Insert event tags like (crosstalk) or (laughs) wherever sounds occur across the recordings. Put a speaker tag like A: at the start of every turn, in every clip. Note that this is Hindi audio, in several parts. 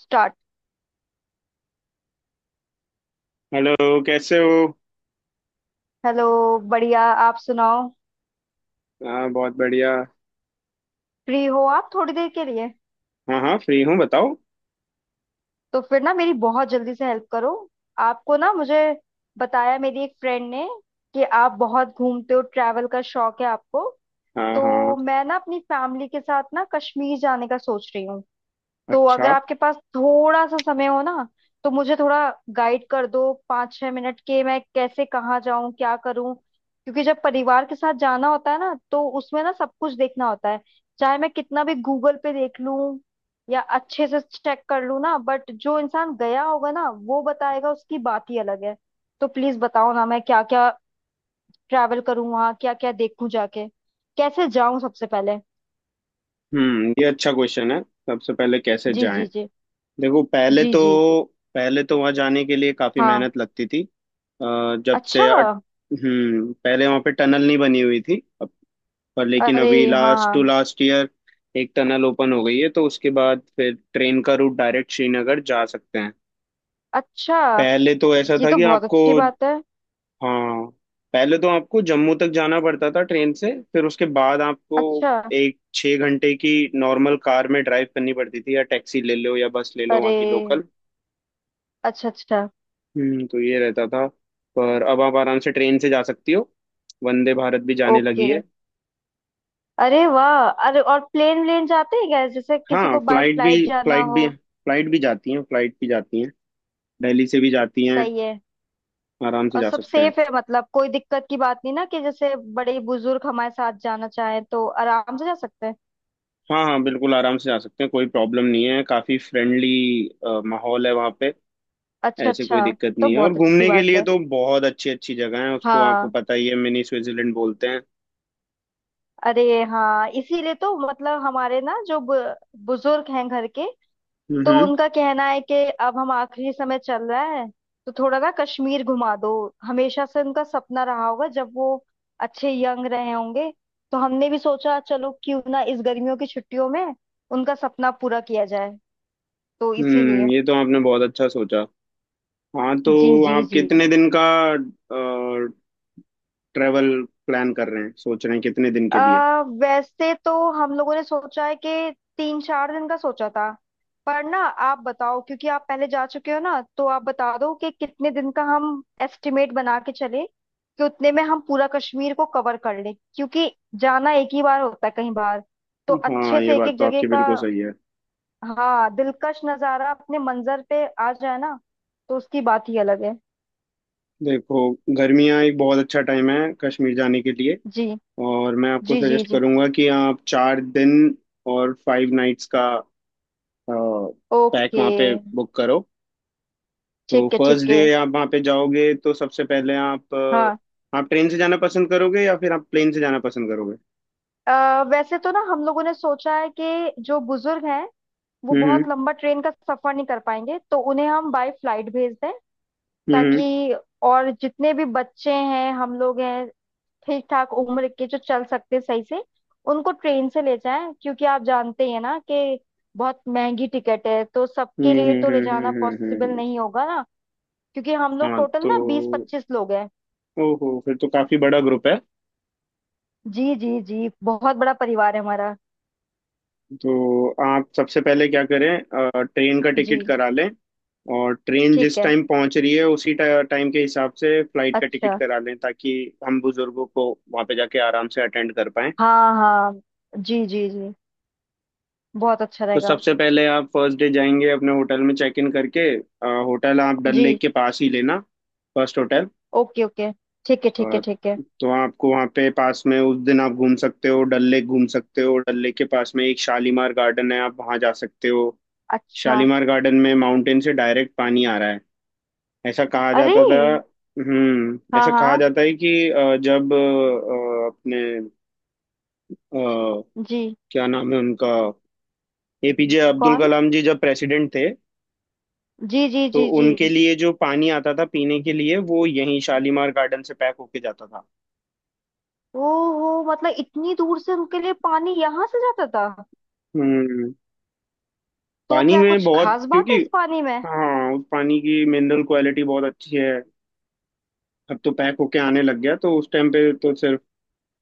A: स्टार्ट।
B: हेलो, कैसे हो।
A: हेलो। बढ़िया, आप सुनाओ।
B: हाँ बहुत बढ़िया।
A: फ्री हो आप थोड़ी देर के लिए?
B: हाँ हाँ फ्री हूँ, बताओ।
A: तो फिर ना मेरी बहुत जल्दी से हेल्प करो। आपको ना मुझे बताया मेरी एक फ्रेंड ने कि आप बहुत घूमते हो, ट्रैवल का शौक है आपको।
B: हाँ
A: तो
B: हाँ
A: मैं ना अपनी फैमिली के साथ ना कश्मीर जाने का सोच रही हूँ। तो अगर
B: अच्छा।
A: आपके पास थोड़ा सा समय हो ना तो मुझे थोड़ा गाइड कर दो पाँच छह मिनट के, मैं कैसे कहाँ जाऊं क्या करूं, क्योंकि जब परिवार के साथ जाना होता है ना तो उसमें ना सब कुछ देखना होता है। चाहे मैं कितना भी गूगल पे देख लूं या अच्छे से चेक कर लूं ना, बट जो इंसान गया होगा ना वो बताएगा, उसकी बात ही अलग है। तो प्लीज बताओ ना, मैं क्या क्या ट्रैवल करूं, वहाँ क्या क्या देखूं जाके, कैसे जाऊं सबसे पहले।
B: ये अच्छा क्वेश्चन है। सबसे पहले कैसे
A: जी
B: जाएं।
A: जी जी।
B: देखो पहले
A: जी
B: तो
A: जी।
B: पहले तो वहाँ जाने के लिए काफ़ी
A: हाँ।
B: मेहनत लगती थी। अ, जब से
A: अच्छा।
B: अट, पहले वहाँ पे टनल नहीं बनी हुई थी। अब पर लेकिन
A: अरे
B: अभी लास्ट टू
A: हाँ।
B: लास्ट ईयर एक टनल ओपन हो गई है, तो उसके बाद फिर ट्रेन का रूट डायरेक्ट श्रीनगर जा सकते हैं।
A: अच्छा।
B: पहले तो ऐसा
A: ये
B: था
A: तो
B: कि
A: बहुत
B: आपको,
A: अच्छी बात है।
B: हाँ, पहले तो आपको जम्मू तक जाना पड़ता था ट्रेन से, फिर उसके बाद आपको
A: अच्छा।
B: एक 6 घंटे की नॉर्मल कार में ड्राइव करनी पड़ती थी, या टैक्सी ले लो या बस ले लो वहाँ
A: अरे।
B: की लोकल।
A: अच्छा अच्छा।
B: तो ये रहता था। पर अब आप आराम से ट्रेन से जा सकती हो, वंदे भारत भी जाने
A: ओके।
B: लगी है।
A: अरे वाह! अरे, और प्लेन व्लेन जाते हैं क्या, जैसे किसी
B: हाँ
A: को बाय
B: फ्लाइट भी,
A: फ्लाइट जाना
B: फ्लाइट
A: हो?
B: भी फ्लाइट भी जाती हैं फ्लाइट भी जाती हैं, दिल्ली से भी जाती हैं।
A: सही है।
B: आराम से
A: और
B: जा
A: सब
B: सकते हैं।
A: सेफ है मतलब? कोई दिक्कत की बात नहीं ना, कि जैसे बड़े बुजुर्ग हमारे साथ जाना चाहें तो आराम से जा सकते हैं?
B: हाँ हाँ बिल्कुल आराम से जा सकते हैं, कोई प्रॉब्लम नहीं है, काफ़ी फ्रेंडली माहौल है वहाँ पे।
A: अच्छा
B: ऐसे कोई
A: अच्छा।
B: दिक्कत
A: तो
B: नहीं है। और
A: बहुत अच्छी
B: घूमने के
A: बात
B: लिए
A: है।
B: तो बहुत अच्छी अच्छी जगह है, उसको आपको
A: हाँ।
B: पता ही है, मिनी स्विट्जरलैंड बोलते हैं।
A: अरे हाँ, इसीलिए तो, मतलब हमारे ना जो बुजुर्ग हैं घर के, तो
B: हम्म
A: उनका कहना है कि अब हम आखिरी समय चल रहा है, तो थोड़ा ना कश्मीर घुमा दो। हमेशा से उनका सपना रहा होगा जब वो अच्छे यंग रहे होंगे। तो हमने भी सोचा चलो क्यों ना इस गर्मियों की छुट्टियों में उनका सपना पूरा किया जाए, तो इसीलिए।
B: ये तो आपने बहुत अच्छा सोचा। हाँ तो
A: जी जी
B: आप
A: जी।
B: कितने दिन का ट्रेवल प्लान कर रहे हैं, सोच रहे हैं कितने दिन के लिए।
A: वैसे तो हम लोगों ने सोचा है कि तीन चार दिन का सोचा था, पर ना आप बताओ, क्योंकि आप पहले जा चुके हो ना तो आप बता दो कि कितने दिन का हम एस्टिमेट बना के चले कि उतने में हम पूरा कश्मीर को कवर कर लें, क्योंकि जाना एक ही बार होता है कहीं बार, तो अच्छे
B: हाँ ये
A: से एक
B: बात
A: एक
B: तो
A: जगह
B: आपकी
A: का।
B: बिल्कुल सही है।
A: हाँ, दिलकश नज़ारा अपने मंजर पे आ जाए ना तो उसकी बात ही अलग है।
B: देखो गर्मियाँ एक बहुत अच्छा टाइम है कश्मीर जाने के लिए।
A: जी
B: और मैं आपको
A: जी जी
B: सजेस्ट
A: जी।
B: करूंगा कि आप 4 दिन और 5 नाइट्स का पैक
A: ओके।
B: वहाँ पे बुक करो। तो
A: ठीक है
B: फर्स्ट
A: ठीक
B: डे
A: है।
B: आप वहाँ पे जाओगे, तो सबसे पहले आप
A: हाँ।
B: आप ट्रेन से जाना पसंद करोगे या फिर आप प्लेन से जाना पसंद करोगे।
A: अ वैसे तो ना हम लोगों ने सोचा है कि जो बुजुर्ग हैं वो
B: हम्म
A: बहुत लंबा ट्रेन का सफर नहीं कर पाएंगे, तो उन्हें हम बाय फ्लाइट भेज दें
B: हम्म
A: ताकि। और जितने भी बच्चे हैं, हम लोग हैं ठीक ठाक उम्र के जो चल सकते हैं सही से, उनको ट्रेन से ले जाएं, क्योंकि आप जानते ही हैं ना कि बहुत महंगी टिकट है, तो सबके
B: हम्म
A: लिए
B: हम्म
A: तो ले जाना
B: हम्म हम्म,
A: पॉसिबल
B: हम्म,
A: नहीं होगा ना। क्योंकि हम लोग
B: हाँ
A: टोटल ना बीस
B: तो
A: पच्चीस लोग हैं।
B: ओहो फिर तो काफी बड़ा ग्रुप है।
A: जी जी जी, बहुत बड़ा परिवार है हमारा।
B: तो आप सबसे पहले क्या करें, ट्रेन का
A: जी।
B: टिकट करा लें, और ट्रेन
A: ठीक
B: जिस
A: है।
B: टाइम पहुंच रही है उसी टाइम के हिसाब से फ्लाइट का टिकट
A: अच्छा।
B: करा लें, ताकि हम बुजुर्गों को वहां पे जाके आराम से अटेंड कर पाएं।
A: हाँ हाँ। जी जी जी, बहुत अच्छा
B: तो
A: रहेगा।
B: सबसे पहले आप फर्स्ट डे जाएंगे अपने होटल में चेक इन करके। होटल आप डल
A: जी।
B: लेक के पास ही लेना, फर्स्ट होटल।
A: Okay okay. ठीक है ठीक है
B: अ,
A: ठीक है।
B: तो आपको वहाँ पे पास में उस दिन आप घूम सकते हो, डल लेक घूम सकते हो। डल लेक के पास में एक शालीमार गार्डन है, आप वहाँ जा सकते हो।
A: अच्छा।
B: शालीमार गार्डन में माउंटेन से डायरेक्ट पानी आ रहा है, ऐसा कहा
A: अरे।
B: जाता था।
A: हाँ
B: ऐसा कहा
A: हाँ।
B: जाता है कि जब अपने अ,
A: जी।
B: क्या नाम है उनका, एपीजे अब्दुल
A: कौन?
B: कलाम जी जब प्रेसिडेंट थे,
A: जी जी
B: तो
A: जी जी।
B: उनके लिए जो पानी आता था पीने के लिए वो यहीं शालीमार गार्डन से पैक होके जाता था।
A: ओहो, मतलब इतनी दूर से उनके लिए पानी यहाँ से जाता था?
B: हम्म
A: तो
B: पानी
A: क्या
B: में
A: कुछ
B: बहुत
A: खास बात है
B: क्योंकि,
A: इस पानी में?
B: हाँ उस पानी की मिनरल क्वालिटी बहुत अच्छी है। अब तो पैक होके आने लग गया, तो उस टाइम पे तो सिर्फ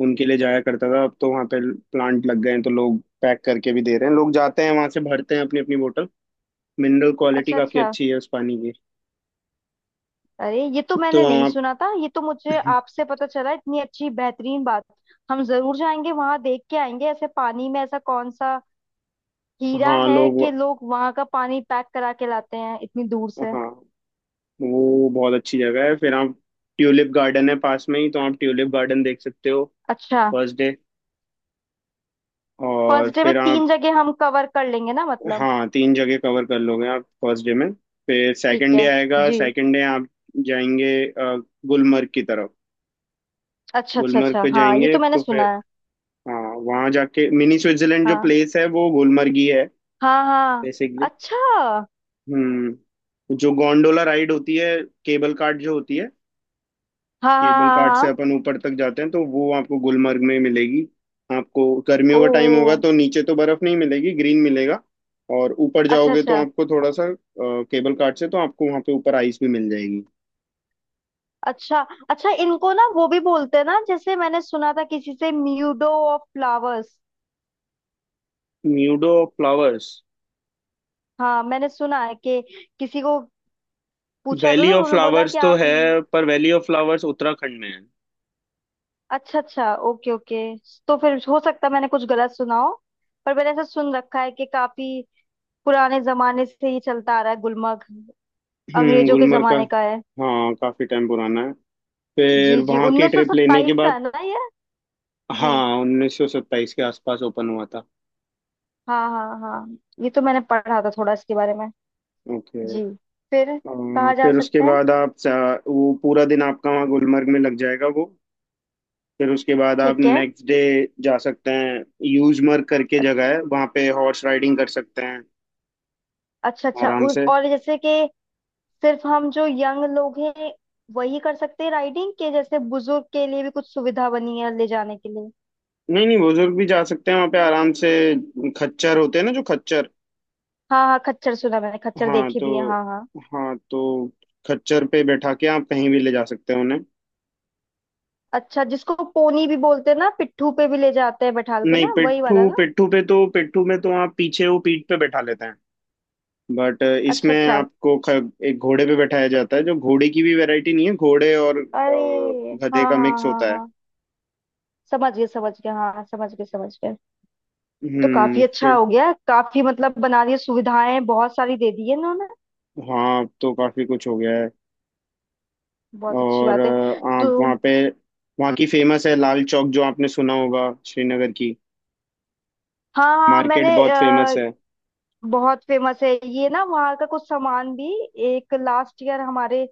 B: उनके लिए जाया करता था। अब तो वहाँ पे प्लांट लग गए हैं, तो लोग पैक करके भी दे रहे हैं, लोग जाते हैं वहां से भरते हैं अपनी अपनी बोतल। मिनरल क्वालिटी
A: अच्छा
B: काफी
A: अच्छा।
B: अच्छी है उस पानी की।
A: अरे, ये तो
B: तो
A: मैंने नहीं
B: आप,
A: सुना था, ये तो मुझे आपसे पता चला इतनी अच्छी बेहतरीन बात। हम जरूर जाएंगे वहां देख के आएंगे, ऐसे पानी में ऐसा कौन सा हीरा
B: हाँ
A: है
B: लोग,
A: कि लोग वहां का पानी पैक करा के लाते हैं इतनी दूर से।
B: हाँ वो बहुत अच्छी जगह है। फिर आप, ट्यूलिप गार्डन है पास में ही, तो आप ट्यूलिप गार्डन देख सकते हो
A: अच्छा।
B: First day. और
A: फर्स्ट डे में
B: फिर आप,
A: तीन जगह हम कवर कर लेंगे ना मतलब?
B: हाँ तीन जगह कवर कर लोगे आप फर्स्ट डे में। फिर
A: ठीक
B: सेकंड डे
A: है।
B: आएगा,
A: जी।
B: सेकंड डे आप जाएंगे गुलमर्ग की तरफ।
A: अच्छा अच्छा
B: गुलमर्ग
A: अच्छा,
B: पे
A: हाँ ये
B: जाएंगे
A: तो मैंने
B: तो फिर,
A: सुना है।
B: हाँ वहाँ जाके मिनी स्विट्जरलैंड जो
A: हाँ
B: प्लेस है वो गुलमर्ग ही है
A: हाँ हाँ।
B: बेसिकली।
A: अच्छा हाँ।
B: हम्म जो गोंडोला राइड होती है, केबल कार्ट जो होती है,
A: हाँ
B: केबल घाट
A: हाँ
B: से
A: हाँ।
B: अपन ऊपर तक जाते हैं, तो वो आपको गुलमर्ग में मिलेगी। आपको गर्मियों का टाइम होगा
A: ओ।
B: तो नीचे तो बर्फ नहीं मिलेगी, ग्रीन मिलेगा, और ऊपर
A: अच्छा
B: जाओगे तो
A: अच्छा।
B: आपको थोड़ा सा केबल कार्ट से तो आपको वहाँ पे ऊपर आइस भी मिल जाएगी।
A: अच्छा। अच्छा, इनको ना वो भी बोलते हैं ना, जैसे मैंने सुना था किसी से, meadow of flowers.
B: Meadow of flowers,
A: हाँ मैंने सुना है कि किसी को पूछा था
B: वैली
A: तो
B: ऑफ
A: उन्होंने बोला
B: फ्लावर्स
A: कि
B: तो
A: आप।
B: है, पर वैली ऑफ फ्लावर्स उत्तराखंड में है।
A: अच्छा अच्छा, ओके ओके। तो फिर हो सकता है मैंने कुछ गलत सुना हो, पर मैंने ऐसा सुन रखा है कि काफी पुराने जमाने से ये चलता आ रहा है गुलमर्ग, अंग्रेजों के
B: गुलमर्ग का,
A: जमाने का है।
B: हाँ काफी टाइम पुराना है।
A: जी
B: फिर
A: जी,
B: वहाँ की ट्रिप लेने के
A: 1927 का
B: बाद,
A: है ना ये? जी।
B: हाँ 1927 के आसपास ओपन हुआ था।
A: हाँ हाँ हाँ, ये तो मैंने पढ़ा था थोड़ा इसके बारे में।
B: ओके।
A: जी। फिर
B: अ,
A: कहाँ जा
B: फिर उसके
A: सकते हैं?
B: बाद आप वो पूरा दिन आपका वहाँ गुलमर्ग में लग जाएगा वो। फिर उसके बाद आप
A: ठीक है।
B: नेक्स्ट डे जा सकते हैं, यूजमर्ग करके
A: अच्छ-
B: जगह है वहाँ पे, हॉर्स राइडिंग कर सकते हैं
A: अच्छा अच्छा।
B: आराम से।
A: और जैसे कि सिर्फ हम जो यंग लोग हैं वही कर सकते हैं राइडिंग, के जैसे बुजुर्ग के लिए भी कुछ सुविधा बनी है ले जाने के लिए?
B: नहीं नहीं बुजुर्ग भी जा सकते हैं वहाँ पे आराम से। खच्चर होते हैं ना, जो खच्चर,
A: हाँ हाँ, खच्चर सुना मैंने, खच्चर
B: हाँ
A: देखी
B: तो,
A: भी है, हाँ हाँ।
B: हाँ तो खच्चर पे बैठा के आप कहीं भी ले जा सकते हैं उन्हें।
A: अच्छा, जिसको पोनी भी बोलते हैं ना, पिट्ठू पे भी ले जाते हैं बैठाल के
B: नहीं
A: ना, वही
B: पिट्ठू,
A: वाला ना?
B: पिट्ठू पे तो, पिट्ठू में तो आप पीछे वो पीठ पे बैठा लेते हैं, बट
A: अच्छा
B: इसमें
A: अच्छा।
B: आपको एक घोड़े पे बैठाया जाता है, जो घोड़े की भी वैरायटी नहीं है, घोड़े और
A: अरे
B: गधे
A: हाँ
B: का
A: हाँ
B: मिक्स
A: हाँ
B: होता है।
A: हाँ, समझ गए समझ गए, हाँ समझ गए समझ गए। तो काफी अच्छा
B: फिर,
A: हो गया, काफी मतलब बना रही है सुविधाएं, बहुत सारी दे दी है इन्होंने।
B: हाँ अब तो काफी कुछ हो गया है।
A: बहुत अच्छी
B: और
A: बात है।
B: आप
A: तो
B: वहाँ पे, वहाँ की फेमस है लाल चौक जो आपने सुना होगा, श्रीनगर की
A: हाँ हाँ, मैंने
B: मार्केट बहुत फेमस है।
A: बहुत फेमस है ये ना वहाँ का, कुछ सामान भी एक लास्ट ईयर हमारे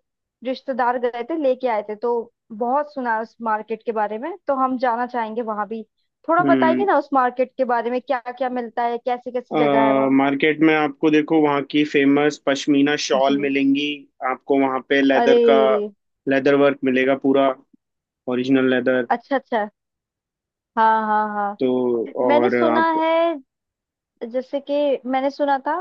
A: रिश्तेदार गए थे लेके आए थे, तो बहुत सुना है उस मार्केट के बारे में, तो हम जाना चाहेंगे वहां भी। थोड़ा बताइए
B: हम्म
A: ना उस मार्केट के बारे में, क्या क्या मिलता है, कैसी कैसी जगह है वहाँ।
B: मार्केट में आपको, देखो वहाँ की फेमस पश्मीना शॉल
A: जी।
B: मिलेंगी, आपको वहाँ पे लेदर का
A: अरे।
B: लेदर वर्क मिलेगा पूरा, ओरिजिनल लेदर।
A: अच्छा अच्छा। हाँ हाँ
B: तो
A: हाँ, मैंने
B: और
A: सुना
B: आप,
A: है, जैसे कि मैंने सुना था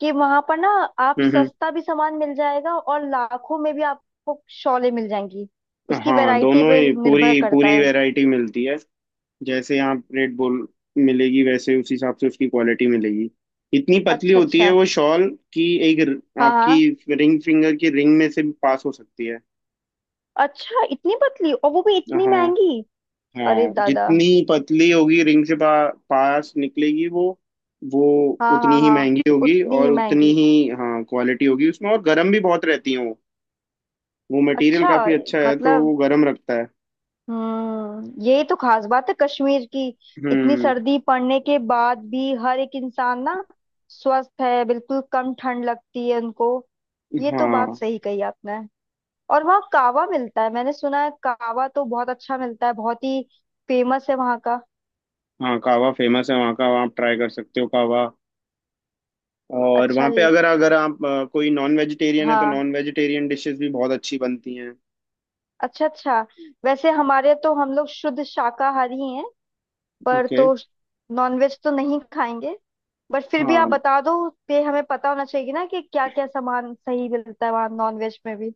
A: कि वहां पर ना आप
B: हम्म हम्म।
A: सस्ता भी सामान मिल जाएगा और लाखों में भी आपको शॉलें मिल जाएंगी, उसकी
B: हाँ
A: वैरायटी
B: दोनों
A: पे
B: ही
A: निर्भर
B: पूरी
A: करता
B: पूरी
A: है।
B: वैरायटी मिलती है। जैसे आप रेड बुल मिलेगी, वैसे उस हिसाब से उसकी क्वालिटी मिलेगी। इतनी पतली
A: अच्छा
B: होती है
A: अच्छा।
B: वो शॉल कि एक
A: हाँ हाँ।
B: आपकी रिंग फिंगर की रिंग में से भी पास हो सकती है।
A: अच्छा, इतनी पतली और वो भी इतनी
B: हाँ
A: महंगी? अरे
B: हाँ
A: दादा!
B: जितनी पतली होगी, रिंग से पास निकलेगी वो
A: हाँ
B: उतनी
A: हाँ
B: ही
A: हाँ।
B: महंगी होगी
A: उतनी ही
B: और उतनी
A: महंगी।
B: ही, हाँ क्वालिटी होगी उसमें। और गर्म भी बहुत रहती है वो मटेरियल
A: अच्छा।
B: काफी अच्छा है तो
A: मतलब,
B: वो गर्म रखता है।
A: हम्म, यही तो खास बात है कश्मीर की, इतनी
B: हम्म
A: सर्दी पड़ने के बाद भी हर एक इंसान ना स्वस्थ है, बिल्कुल कम ठंड लगती है उनको। ये तो बात
B: हाँ
A: सही कही आपने। और वहाँ कावा मिलता है, मैंने सुना है, कावा तो बहुत अच्छा मिलता है, बहुत ही फेमस है वहाँ का।
B: हाँ कावा फेमस है वहाँ का, वहाँ आप ट्राई कर सकते हो कावा। और
A: अच्छा
B: वहाँ पे
A: जी।
B: अगर अगर आप कोई नॉन वेजिटेरियन है तो
A: हाँ।
B: नॉन वेजिटेरियन डिशेस भी बहुत अच्छी बनती हैं।
A: अच्छा अच्छा। वैसे हमारे तो हम लोग शुद्ध शाकाहारी पर
B: ओके।
A: तो, नॉनवेज तो नहीं खाएंगे, बट फिर भी आप
B: हाँ
A: बता दो, ये हमें पता होना चाहिए कि ना कि क्या क्या सामान सही मिलता है वहाँ नॉनवेज में भी।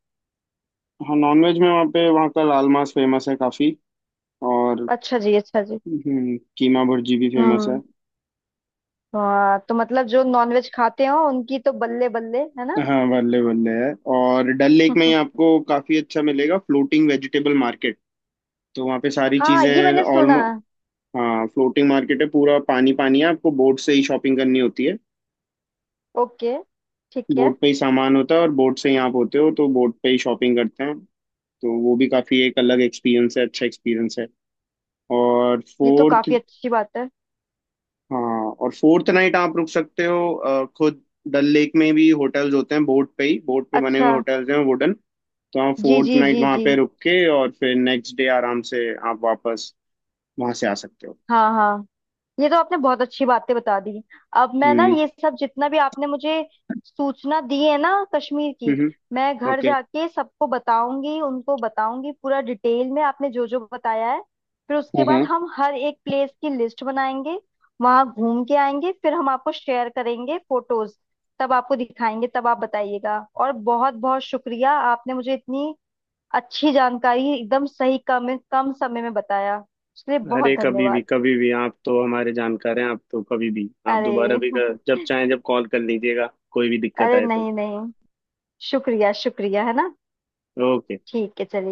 B: हाँ नॉन वेज में वहाँ पे, वहाँ का लाल मांस फेमस है काफ़ी, और
A: अच्छा जी अच्छा जी।
B: कीमा भुर्जी भी फेमस है।
A: हम्म। हाँ तो मतलब जो नॉनवेज खाते हो उनकी तो बल्ले बल्ले है ना।
B: हाँ बल्ले बल्ले है, और डल लेक में ही
A: (laughs)
B: आपको काफ़ी अच्छा मिलेगा फ्लोटिंग वेजिटेबल मार्केट। तो वहाँ पे सारी
A: हाँ ये
B: चीज़ें
A: मैंने सुना।
B: ऑलमोस्ट, हाँ फ्लोटिंग मार्केट है पूरा, पानी पानी है, आपको बोट से ही शॉपिंग करनी होती है,
A: ओके। ठीक है।
B: बोट पे ही सामान होता है और बोट से ही आप होते हो तो बोट पे ही शॉपिंग करते हैं। तो वो भी काफी एक अलग एक्सपीरियंस है, अच्छा एक्सपीरियंस है। और
A: ये तो
B: फोर्थ,
A: काफी अच्छी बात है।
B: हाँ और फोर्थ नाइट आप रुक सकते हो खुद, डल लेक में भी होटल्स होते हैं, बोट पे ही बोट पे बने हुए
A: अच्छा।
B: होटल्स हैं वुडन। तो आप
A: जी
B: फोर्थ
A: जी
B: नाइट
A: जी
B: वहाँ
A: जी।
B: पे रुक के और फिर नेक्स्ट डे आराम से आप वापस वहाँ से आ सकते हो।
A: हाँ हाँ, ये तो आपने बहुत अच्छी बातें बता दी। अब मैं ना
B: हम्म
A: ये सब जितना भी आपने मुझे सूचना दी है ना कश्मीर की,
B: हम्म
A: मैं घर
B: ओके।
A: जाके सबको बताऊंगी, उनको बताऊंगी पूरा डिटेल में आपने जो जो बताया है। फिर उसके बाद हम हर एक प्लेस की लिस्ट बनाएंगे, वहां घूम के आएंगे, फिर हम आपको शेयर करेंगे फोटोज, तब आपको दिखाएंगे, तब आप बताइएगा। और बहुत बहुत शुक्रिया, आपने मुझे इतनी अच्छी जानकारी एकदम सही, कम कम समय में बताया, उसके लिए बहुत
B: अरे कभी भी
A: धन्यवाद।
B: कभी भी, आप तो हमारे जानकार हैं, आप तो कभी भी, आप दोबारा
A: अरे
B: भी जब
A: (laughs)
B: चाहें जब कॉल कर लीजिएगा, कोई भी दिक्कत
A: अरे
B: आए तो।
A: नहीं नहीं, शुक्रिया शुक्रिया, है ना?
B: ओके।
A: ठीक है, चलिए।